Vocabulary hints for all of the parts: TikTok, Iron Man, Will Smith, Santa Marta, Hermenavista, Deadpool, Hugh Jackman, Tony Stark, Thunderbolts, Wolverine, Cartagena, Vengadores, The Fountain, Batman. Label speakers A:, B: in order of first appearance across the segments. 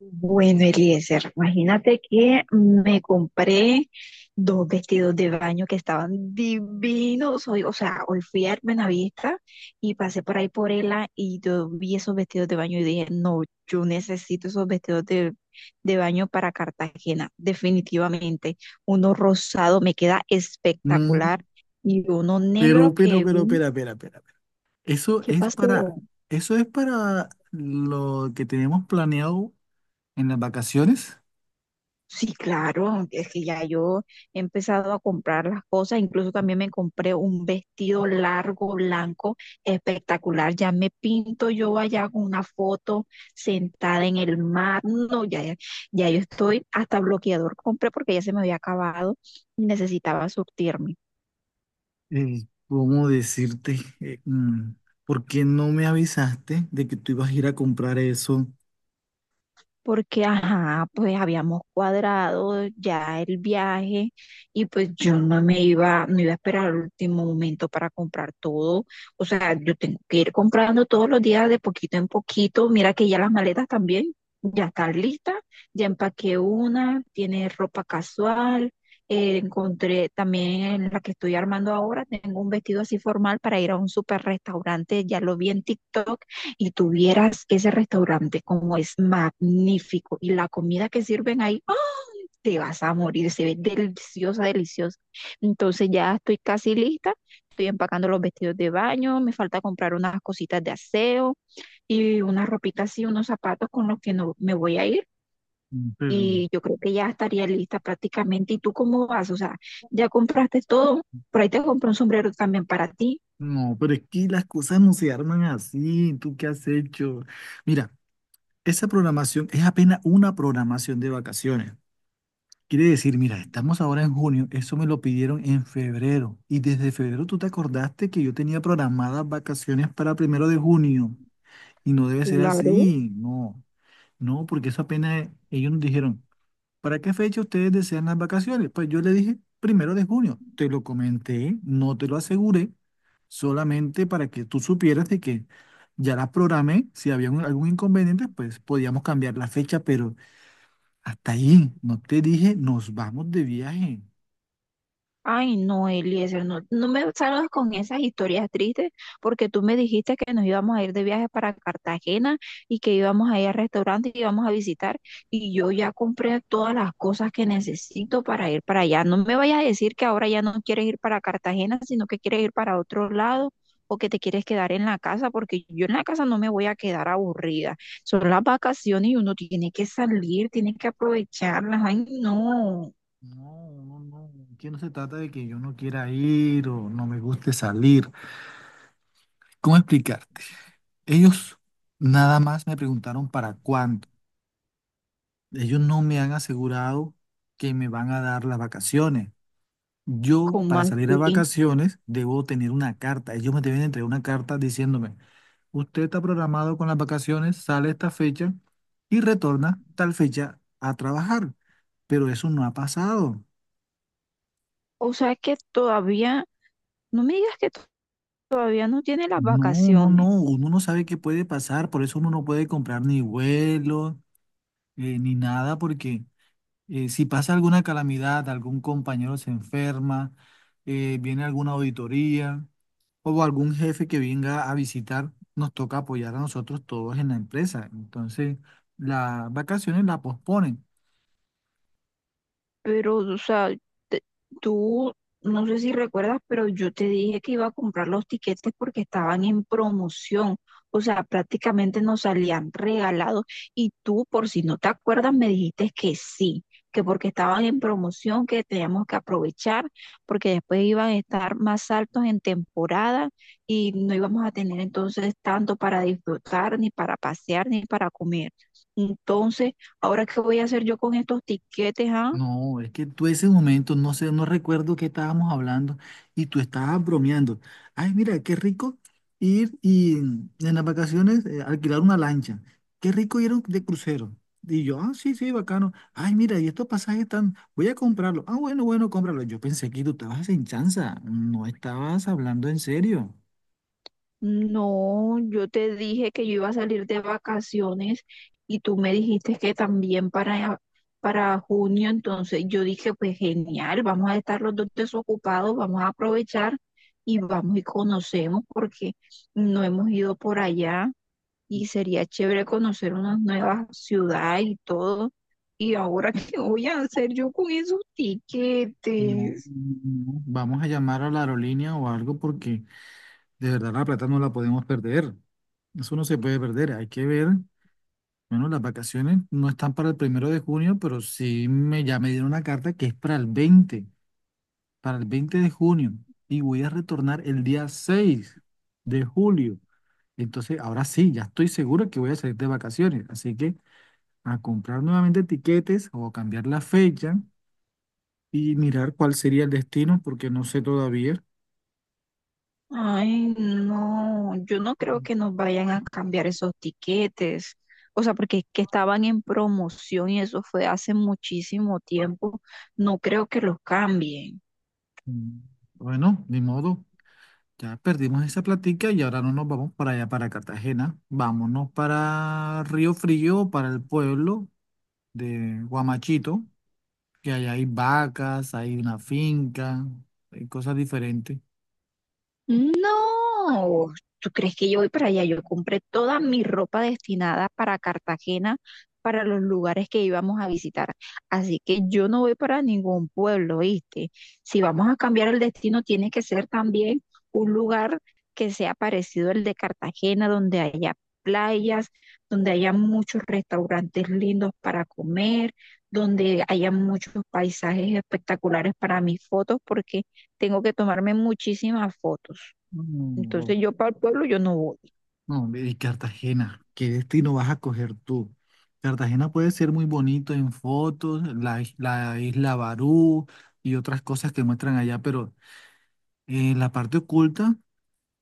A: Bueno, Eliezer, imagínate que me compré dos vestidos de baño que estaban divinos. Hoy, o sea, hoy fui a Hermenavista y pasé por ahí por ella y yo vi esos vestidos de baño y dije, no, yo necesito esos vestidos de baño para Cartagena, definitivamente. Uno rosado me queda
B: Mm,
A: espectacular y uno negro que,
B: espera, espera, espera, espera. Eso
A: ¿qué
B: es para,
A: pasó?
B: eso es para lo que tenemos planeado en las vacaciones.
A: Sí, claro, es que ya yo he empezado a comprar las cosas, incluso también me compré un vestido largo, blanco, espectacular, ya me pinto yo allá con una foto sentada en el mar, no, ya, ya yo estoy, hasta bloqueador compré porque ya se me había acabado y necesitaba surtirme.
B: ¿Cómo decirte? ¿Por qué no me avisaste de que tú ibas a ir a comprar eso?
A: Porque, ajá, pues habíamos cuadrado ya el viaje y pues yo no me iba, no iba a esperar al último momento para comprar todo. O sea, yo tengo que ir comprando todos los días de poquito en poquito. Mira que ya las maletas también ya están listas, ya empaqué una, tiene ropa casual. Encontré también en la que estoy armando ahora, tengo un vestido así formal para ir a un super restaurante, ya lo vi en TikTok y tuvieras ese restaurante como es magnífico y la comida que sirven ahí, ¡ah! Te vas a morir, se ve deliciosa, deliciosa. Entonces ya estoy casi lista, estoy empacando los vestidos de baño, me falta comprar unas cositas de aseo y unas ropitas y unos zapatos con los que no me voy a ir.
B: Mm. Pero,
A: Y yo creo que ya estaría lista prácticamente. ¿Y tú cómo vas? O sea, ya compraste todo. Por ahí te compré un sombrero también para ti.
B: no, pero es que las cosas no se arman así. ¿Tú qué has hecho? Mira, esa programación es apenas una programación de vacaciones. Quiere decir, mira, estamos ahora en junio, eso me lo pidieron en febrero y desde febrero tú te acordaste que yo tenía programadas vacaciones para 1 de junio y no debe ser
A: Claro.
B: así, no, no, porque eso apenas ellos nos dijeron, ¿para qué fecha ustedes desean las vacaciones? Pues yo le dije 1 de junio, te lo comenté, no te lo aseguré, solamente para que tú supieras de que ya las programé, si había algún inconveniente, pues podíamos cambiar la fecha, pero hasta ahí, no te dije, nos vamos de viaje.
A: Ay, no, Eliezer, no, no me salgas con esas historias tristes, porque tú me dijiste que nos íbamos a ir de viaje para Cartagena y que íbamos a ir al restaurante y íbamos a visitar, y yo ya compré todas las cosas que necesito para ir para allá. No me vayas a decir que ahora ya no quieres ir para Cartagena, sino que quieres ir para otro lado o que te quieres quedar en la casa, porque yo en la casa no me voy a quedar aburrida. Son las vacaciones y uno tiene que salir, tiene que aprovecharlas. Ay, no.
B: No, no, no. Aquí no se trata de que yo no quiera ir o no me guste salir. ¿Cómo explicarte? Ellos nada más me preguntaron para cuándo. Ellos no me han asegurado que me van a dar las vacaciones. Yo,
A: ¿Cómo
B: para salir a
A: así?
B: vacaciones, debo tener una carta. Ellos me deben entregar una carta diciéndome, usted está programado con las vacaciones, sale esta fecha y retorna tal fecha a trabajar. Pero eso no ha pasado.
A: O sea que todavía, no me digas que to- todavía no tiene las
B: No, no,
A: vacaciones.
B: no, uno no sabe qué puede pasar, por eso uno no puede comprar ni vuelos ni nada, porque si pasa alguna calamidad, algún compañero se enferma, viene alguna auditoría o algún jefe que venga a visitar, nos toca apoyar a nosotros todos en la empresa. Entonces, las vacaciones la posponen.
A: Pero, o sea, te- tú, no sé si recuerdas, pero yo te dije que iba a comprar los tiquetes porque estaban en promoción. O sea, prácticamente nos salían regalados. Y tú, por si no te acuerdas, me dijiste que sí, que porque estaban en promoción, que teníamos que aprovechar, porque después iban a estar más altos en temporada y no íbamos a tener entonces tanto para disfrutar, ni para pasear, ni para comer. Entonces, ¿ahora qué voy a hacer yo con estos tiquetes, ah?
B: No, es que tú ese momento, no sé, no recuerdo qué estábamos hablando y tú estabas bromeando. Ay, mira, qué rico ir y en las vacaciones alquilar una lancha. Qué rico ir a de crucero. Y yo, ah, sí, sí, bacano. Ay, mira, y estos pasajes están, voy a comprarlos. Ah, bueno, bueno, cómpralos. Yo pensé que tú estabas en chanza, no estabas hablando en serio.
A: No, yo te dije que yo iba a salir de vacaciones y tú me dijiste que también para junio, entonces yo dije, pues genial, vamos a estar los dos desocupados, vamos a aprovechar y vamos y conocemos porque no hemos ido por allá y sería chévere conocer unas nuevas ciudades y todo. Y ahora, ¿qué voy a hacer yo con esos
B: No,
A: tiquetes?
B: no, no. Vamos a llamar a la aerolínea o algo porque de verdad la plata no la podemos perder. Eso no se puede perder. Hay que ver. Bueno, las vacaciones no están para el 1 de junio, pero ya me dieron una carta que es para el veinte de junio. Y voy a retornar el día 6 de julio. Entonces, ahora sí, ya estoy seguro que voy a salir de vacaciones. Así que a comprar nuevamente tiquetes o cambiar la fecha y mirar cuál sería el destino, porque no sé todavía.
A: Ay, no, yo no creo
B: Ujú.
A: que nos vayan a cambiar esos tiquetes. O sea, porque es que estaban en promoción y eso fue hace muchísimo tiempo. No creo que los cambien.
B: Mm. Bueno, ni modo, ya perdimos esa platica y ahora no nos vamos para allá, para Cartagena. Vámonos para Río Frío, para el pueblo de Guamachito, que allá hay vacas, hay una finca, hay cosas diferentes.
A: No, ¿tú crees que yo voy para allá? Yo compré toda mi ropa destinada para Cartagena, para los lugares que íbamos a visitar. Así que yo no voy para ningún pueblo, ¿viste? Si vamos a cambiar el destino, tiene que ser también un lugar que sea parecido al de Cartagena, donde haya playas, donde haya muchos restaurantes lindos para comer, donde haya muchos paisajes espectaculares para mis fotos, porque tengo que tomarme muchísimas fotos.
B: No,
A: Entonces
B: no,
A: yo para el pueblo yo no voy.
B: no, y Cartagena, ¿qué destino vas a coger tú? Cartagena puede ser muy bonito en fotos, la isla Barú y otras cosas que muestran allá, pero la parte oculta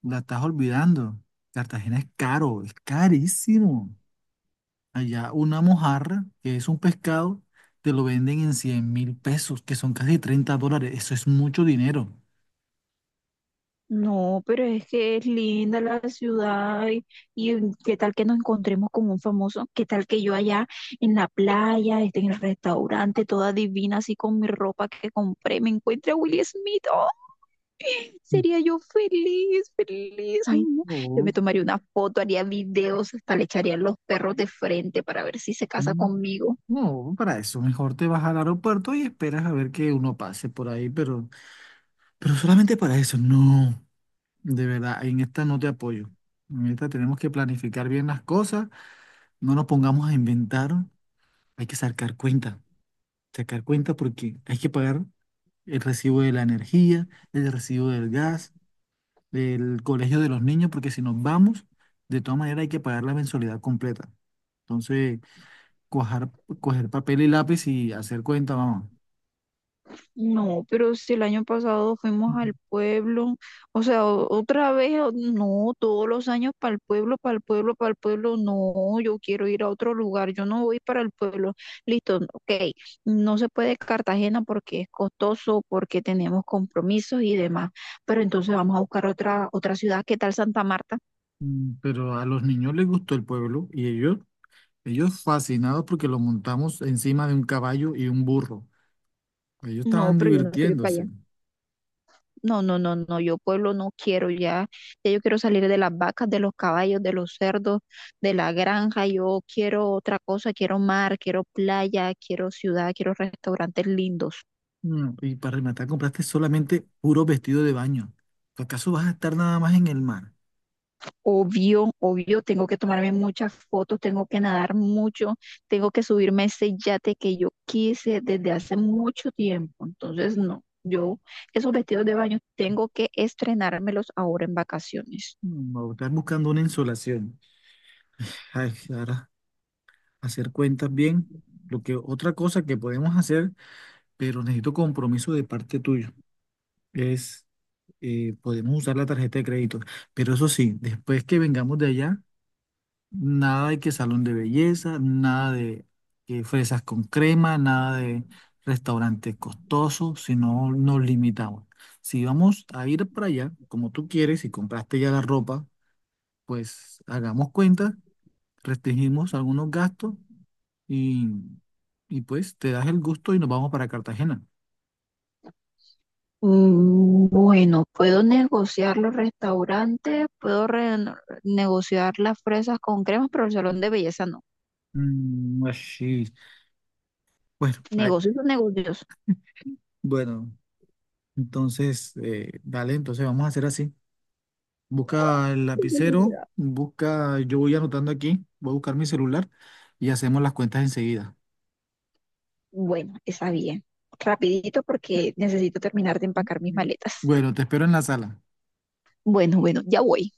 B: la estás olvidando. Cartagena es caro, es carísimo. Allá una mojarra, que es un pescado, te lo venden en 100.000 pesos, que son casi 30 dólares. Eso es mucho dinero.
A: No, pero es que es linda la ciudad y mm, qué tal que nos encontremos con un famoso, qué tal que yo allá en la playa, esté en el restaurante, toda divina, así con mi ropa que compré, me encuentre a Will Smith. Oh,
B: Mm.
A: sería yo feliz, feliz. Ay, no, yo me
B: No,
A: tomaría una foto, haría videos, hasta le echaría a los perros de frente para ver si se casa
B: mm,
A: conmigo.
B: no, para eso mejor te vas al aeropuerto y esperas a ver que uno pase por ahí, pero, solamente para eso. No, de verdad, en esta no te apoyo. En esta tenemos que planificar bien las cosas, no nos pongamos a inventar, hay que sacar cuentas. Sacar cuenta porque hay que pagar el recibo de la energía, el recibo del gas, del colegio de los niños, porque si nos vamos, de todas maneras hay que pagar la mensualidad completa. Entonces, cuajar- coger papel y lápiz y hacer cuenta, vamos.
A: No, pero si el año pasado fuimos al pueblo, o sea, otra vez, no, todos los años para el pueblo, para el pueblo, para el pueblo, no, yo quiero ir a otro lugar, yo no voy para el pueblo. Listo, ok, no se puede Cartagena porque es costoso, porque tenemos compromisos y demás, pero entonces vamos a buscar otra ciudad, ¿qué tal Santa Marta?
B: Mm. Pero a los niños les gustó el pueblo y ellos fascinados porque lo montamos encima de un caballo y un burro. Ellos
A: No,
B: estaban
A: pero yo no quiero ir para allá.
B: divirtiéndose.
A: No, no, no, no, yo pueblo no quiero ya, ya yo quiero salir de las vacas, de los caballos, de los cerdos, de la granja, yo quiero otra cosa, quiero mar, quiero playa, quiero ciudad, quiero restaurantes lindos.
B: Mm. Y para rematar, compraste solamente puro vestido de baño. ¿Acaso vas a estar nada más en el mar?
A: Obvio, obvio, tengo que tomarme muchas fotos, tengo que nadar mucho, tengo que subirme a ese yate que yo quise desde hace mucho tiempo, entonces no, yo esos vestidos de baño tengo que estrenármelos ahora en vacaciones.
B: No, estás buscando una insolación. Ay, ahora, hacer cuentas bien. Lo que otra cosa que podemos hacer, pero necesito compromiso de parte tuyo, es podemos usar la tarjeta de crédito. Pero eso sí, después que vengamos de allá, nada de que salón de belleza, nada de que fresas con crema, nada de restaurantes costosos, sino nos limitamos. Si vamos a ir para allá, como tú quieres, si compraste ya la ropa, pues hagamos cuentas restringimos algunos gastos y, y pues te das el gusto y nos vamos para Cartagena.
A: Mm, bueno, puedo negociar los restaurantes, puedo negociar las fresas con cremas, pero el salón de belleza no.
B: Mm, así. Bueno, ay,
A: Negocios son negocios.
B: bueno, entonces, dale, entonces vamos a hacer así. Busca el lapicero, busca, yo voy anotando aquí, voy a buscar mi celular y hacemos las cuentas enseguida.
A: Bueno, está bien. Rapidito porque necesito terminar de empacar mis
B: Mm.
A: maletas.
B: Bueno, te espero en la sala.
A: Bueno, bueno, ya voy.